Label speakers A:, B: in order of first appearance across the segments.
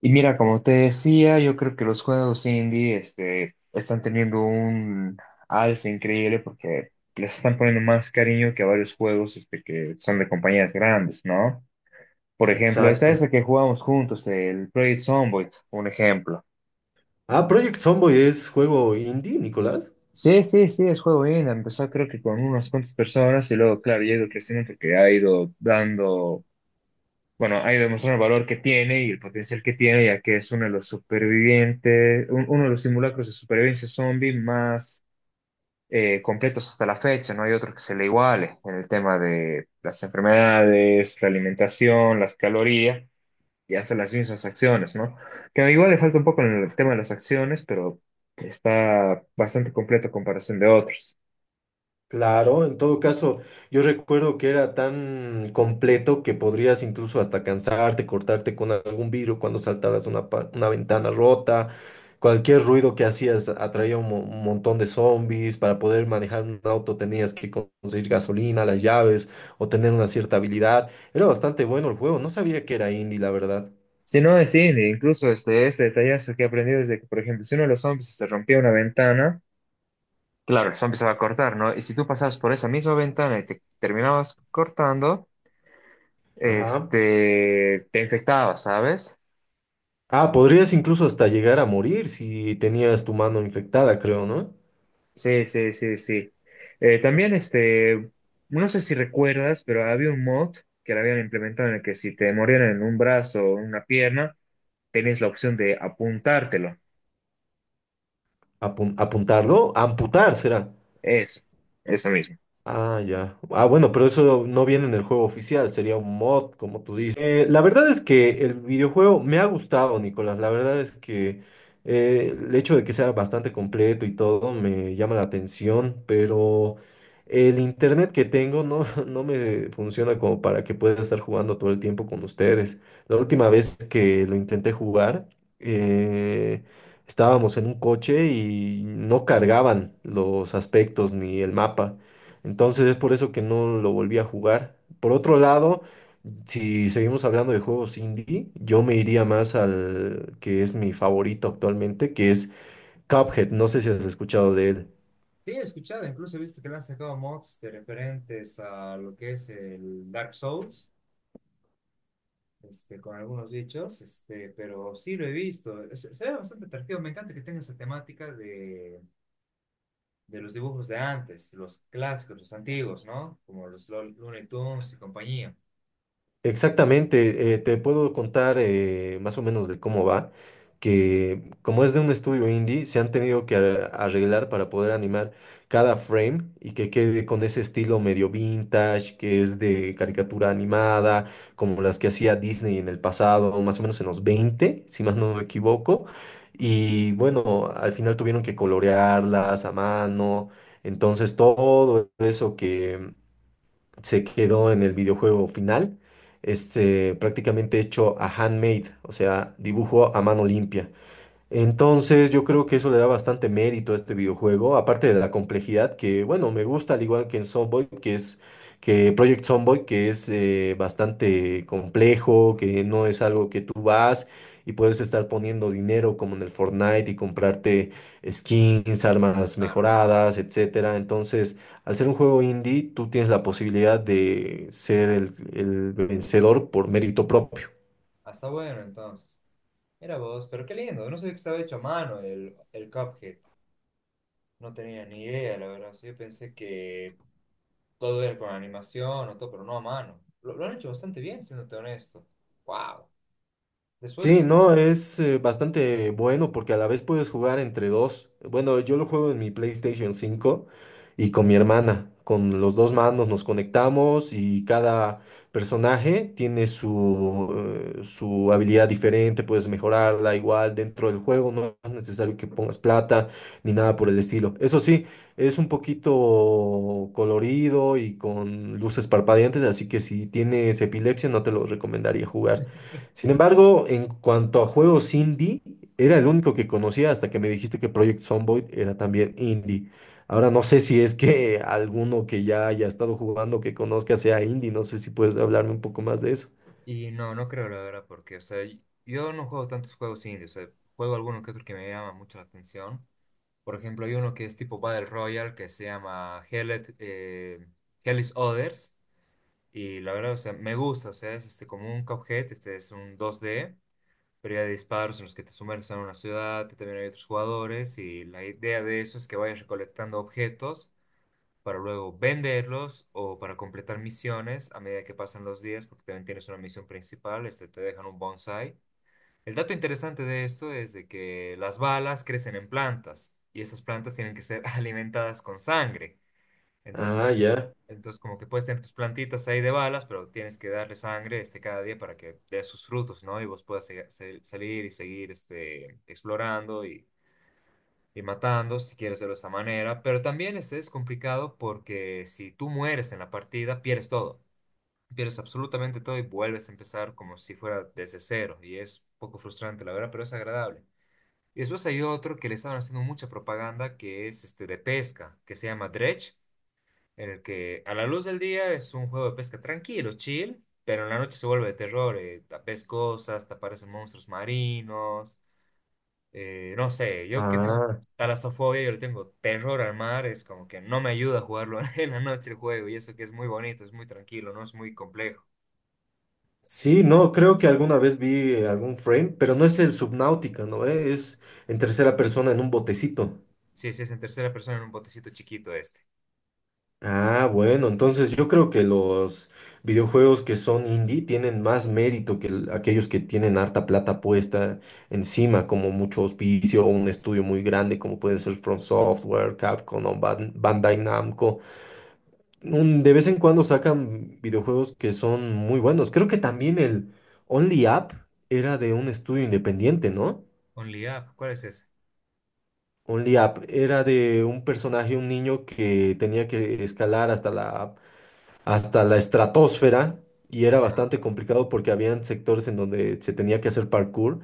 A: Y mira, como te decía, yo creo que los juegos indie están teniendo un alza increíble porque les están poniendo más cariño que a varios juegos que son de compañías grandes, ¿no? Por ejemplo, esta
B: Exacto.
A: es la que jugamos juntos, el Project Zomboid, un ejemplo.
B: Ah, Project Zomboid es juego indie, Nicolás.
A: Sí, sí, sí, es juego indie. Empezó creo que con unas cuantas personas y luego, claro, llega el crecimiento que ha ido dando bueno, ahí demuestran el valor que tiene y el potencial que tiene, ya que es uno de los supervivientes, uno de los simulacros de supervivencia zombie más completos hasta la fecha. No hay otro que se le iguale en el tema de las enfermedades, la alimentación, las calorías y hace las mismas acciones, ¿no? Que igual le falta un poco en el tema de las acciones, pero está bastante completo a comparación de otros.
B: Claro, en todo caso, yo recuerdo que era tan completo que podrías incluso hasta cansarte, cortarte con algún vidrio cuando saltaras una, una ventana rota. Cualquier ruido que hacías atraía un, un montón de zombies. Para poder manejar un auto tenías que conseguir gasolina, las llaves o tener una cierta habilidad. Era bastante bueno el juego. No sabía que era indie, la verdad.
A: Si no, sí, incluso este detallazo que he aprendido es de que, por ejemplo, si uno de los zombies se rompía una ventana, claro, el zombie se va a cortar, ¿no? Y si tú pasabas por esa misma ventana y te terminabas cortando,
B: Ajá.
A: te infectabas, ¿sabes?
B: Ah, podrías incluso hasta llegar a morir si tenías tu mano infectada, creo, ¿no?
A: Sí, sí, sí, sí. También, no sé si recuerdas, pero había un mod que lo habían implementado en el que si te morían en un brazo o en una pierna, tenías la opción de apuntártelo.
B: Apuntarlo, amputar será.
A: Eso, eso mismo.
B: Ah, ya. Ah, bueno, pero eso no viene en el juego oficial, sería un mod, como tú dices. La verdad es que el videojuego me ha gustado, Nicolás. La verdad es que el hecho de que sea bastante completo y todo me llama la atención, pero el internet que tengo no, no me funciona como para que pueda estar jugando todo el tiempo con ustedes. La última vez que lo intenté jugar, eh, estábamos en un coche y no cargaban los aspectos ni el mapa. Entonces es por eso que no lo volví a jugar. Por otro lado, si seguimos hablando de juegos indie, yo me iría más al que es mi favorito actualmente, que es Cuphead. No sé si has escuchado de él.
A: Sí, he escuchado, incluso he visto que le han sacado mods de referentes a lo que es el Dark Souls. Con algunos bichos, pero sí lo he visto. Se ve bastante atractivo. Me encanta que tenga esa temática de los dibujos de antes, los clásicos, los antiguos, ¿no? Como los Looney Tunes y compañía.
B: Exactamente, te puedo contar más o menos de cómo va, que como es de un estudio indie, se han tenido que arreglar para poder animar cada frame y que quede con ese estilo medio vintage, que es de caricatura animada, como las que hacía Disney en el pasado, más o menos en los 20, si más no me equivoco. Y bueno, al final tuvieron que colorearlas a mano, entonces todo eso se quedó en el videojuego final, este, prácticamente hecho a handmade, o sea, dibujo a mano limpia. Entonces yo creo que eso le da bastante mérito a este videojuego, aparte de la complejidad que, bueno, me gusta al igual que en Sunboy, que es que Project Sunboy, que es bastante complejo, que no es algo que tú vas y puedes estar poniendo dinero como en el Fortnite y comprarte skins, armas
A: Claro.
B: mejoradas, etcétera. Entonces, al ser un juego indie, tú tienes la posibilidad de ser el vencedor por mérito propio.
A: Hasta bueno, entonces. Era vos, pero qué lindo. No sabía que estaba hecho a mano el Cuphead. No tenía ni idea, la verdad. Sí, yo pensé que todo era con animación o todo, pero no a mano. Lo han hecho bastante bien, siéndote honesto. ¡Wow!
B: Sí,
A: Después
B: no, es bastante bueno porque a la vez puedes jugar entre dos. Bueno, yo lo juego en mi PlayStation cinco y con mi hermana. Con los dos manos nos conectamos y cada personaje tiene su, su habilidad diferente, puedes mejorarla igual dentro del juego, no es necesario que pongas plata ni nada por el estilo. Eso sí, es un poquito colorido y con luces parpadeantes, así que si tienes epilepsia no te lo recomendaría jugar. Sin embargo, en cuanto a juegos indie, era el único que conocía hasta que me dijiste que Project Zomboid era también indie. Ahora no sé si es que alguno que ya haya estado jugando que conozca sea indie, no sé si puedes hablarme un poco más de eso.
A: No, no creo la verdad, porque, o sea, yo no juego tantos juegos indie, o sea, juego alguno que otro que me llama mucho la atención. Por ejemplo, hay uno que es tipo Battle Royale que se llama Hell is Others, y la verdad, o sea, me gusta, o sea, es como un Cuphead, este es un dos d, pero ya de disparos en los que te sumerges en una ciudad, también hay otros jugadores, y la idea de eso es que vayas recolectando objetos para luego venderlos o para completar misiones a medida que pasan los días, porque también tienes una misión principal, te dejan un bonsai. El dato interesante de esto es de que las balas crecen en plantas y esas plantas tienen que ser alimentadas con sangre. Entonces,
B: Ah,
A: como,
B: ya.
A: entonces, como que puedes tener tus plantitas ahí de balas, pero tienes que darle sangre cada día para que dé sus frutos, ¿no? Y vos puedas salir y seguir explorando y matando, si quieres verlo de esa manera, pero también este es complicado porque si tú mueres en la partida, pierdes todo, pierdes absolutamente todo y vuelves a empezar como si fuera desde cero, y es un poco frustrante, la verdad, pero es agradable. Y después hay otro que le estaban haciendo mucha propaganda, que es este de pesca, que se llama Dredge, en el que a la luz del día es un juego de pesca tranquilo, chill, pero en la noche se vuelve de terror, ves cosas, te aparecen monstruos marinos, no sé, yo que tengo
B: Ah,
A: talasofobia, yo le tengo terror al mar, es como que no me ayuda a jugarlo en la noche el juego, y eso que es muy bonito, es muy tranquilo, no es muy complejo.
B: sí, no, creo que alguna vez vi algún frame, pero no es el Subnautica, ¿no? Es en tercera persona en un botecito.
A: Sí, sí, es en tercera persona en un botecito chiquito este.
B: Ah, bueno, entonces yo creo que los videojuegos que son indie tienen más mérito que aquellos que tienen harta plata puesta encima, como mucho auspicio o un estudio muy grande, como pueden ser From Software, Capcom o Bandai Namco. De vez en cuando sacan videojuegos que son muy buenos. Creo que también el Only Up era de un estudio independiente, ¿no?
A: Only Up, ¿cuál es ese?
B: Only Up era de un personaje, un niño que tenía que escalar hasta la estratosfera y era
A: Ya.
B: bastante complicado porque habían sectores en donde se tenía que hacer parkour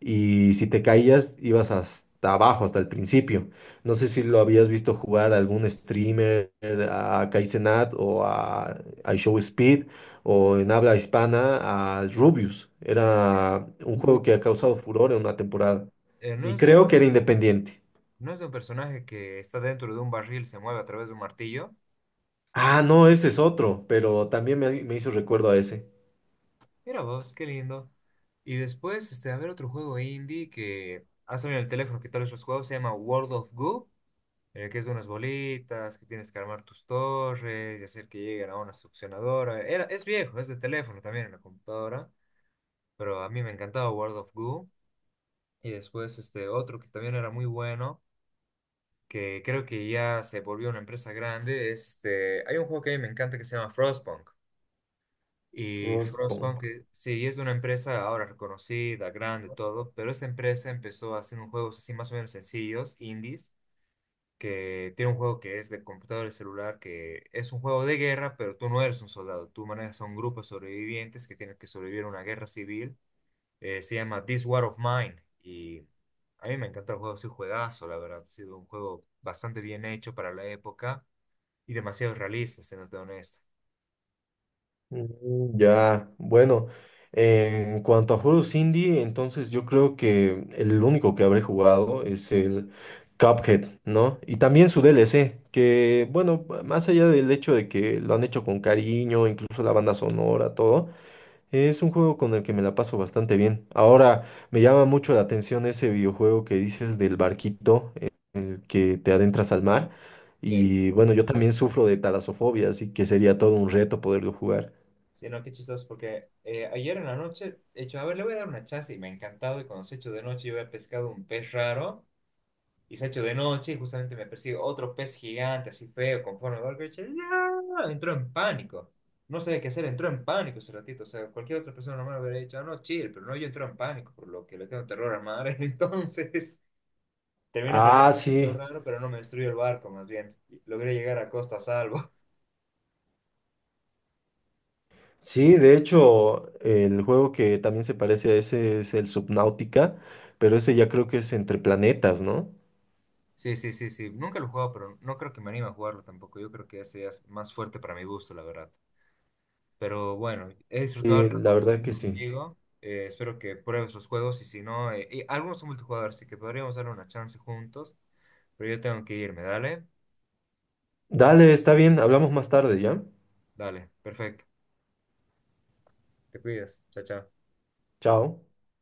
B: y si te caías ibas hasta abajo, hasta el principio. No sé si lo habías visto jugar a algún streamer, a Kai Cenat o a Show Speed o en habla hispana al Rubius.
A: Eh,
B: Era un
A: No,
B: juego que ha causado furor en una temporada
A: no
B: y
A: es de un
B: creo que era
A: personaje,
B: independiente.
A: no es de un personaje que está dentro de un barril, se mueve a través de un martillo.
B: Ah, no, ese es otro, pero también me hizo recuerdo a ese.
A: Mira vos, qué lindo. Y después, a ver otro juego indie que ha salido en el teléfono, que tal vez los juegos, se llama World of Goo, que es de unas bolitas, que tienes que armar tus torres y hacer que lleguen a una succionadora. Es viejo, es de teléfono también en la computadora, pero a mí me encantaba World of Goo. Y después este otro que también era muy bueno, que creo que ya se volvió una empresa grande, es hay un juego que a mí me encanta que se llama Frostpunk. Y Frostpunk,
B: Frostpunk.
A: sí, es una empresa ahora reconocida, grande, todo, pero esta empresa empezó haciendo juegos así más o menos sencillos, indies, que tiene un juego que es de computador y celular, que es un juego de guerra, pero tú no eres un soldado, tú manejas a un grupo de sobrevivientes que tienen que sobrevivir a una guerra civil. Se llama This War of Mine y a mí me encanta el juego, es un juegazo, la verdad, ha sido un juego bastante bien hecho para la época y demasiado realista, siéndote honesto.
B: Mm, ya, bueno, en cuanto a juegos indie, entonces yo creo que el único que habré jugado es el Cuphead, ¿no? Y también su DLC, que bueno, más allá del hecho de que lo han hecho con cariño, incluso la banda sonora, todo, es un juego con el que me la paso bastante bien. Ahora, me llama mucho la atención ese videojuego que dices del barquito en el que te adentras al mar.
A: Sí.
B: Y bueno, yo también sufro de talasofobia, así que sería todo un reto poderlo jugar.
A: Sí, no, qué chistoso, porque ayer en la noche, he hecho, a ver, le voy a dar una chance y me ha encantado. Y cuando se ha hecho de noche, yo había pescado un pez raro. Y se ha hecho de noche y justamente me persigue otro pez gigante, así feo, con forma de golpe. ¡Ya! Entró en pánico. No sabía qué hacer, entró en pánico ese ratito. O sea, cualquier otra persona normal hubiera dicho, "Ah, no, chill", pero no, yo entro en pánico, por lo que le tengo terror al mar. Entonces, terminé perdiendo
B: Ah,
A: lo
B: sí,
A: raro, pero no me destruyó el barco, más bien. Logré llegar a costa a salvo.
B: sí, de hecho, el juego que también se parece a ese es el Subnautica, pero ese ya creo que es entre planetas, ¿no?
A: Sí, sí, sí, sí. Nunca lo he jugado, pero no creo que me anime a jugarlo tampoco. Yo creo que ese ya es más fuerte para mi gusto, la verdad. Pero bueno, he disfrutado de
B: Sí,
A: la
B: la verdad
A: conversación
B: que sí.
A: contigo. Espero que pruebes los juegos y si no, y algunos son multijugador, así que podríamos darle una chance juntos. Pero yo tengo que irme, dale,
B: Dale, está bien, hablamos más tarde, ¿ya?
A: dale, perfecto. Te cuidas, chao, chao.
B: Chao.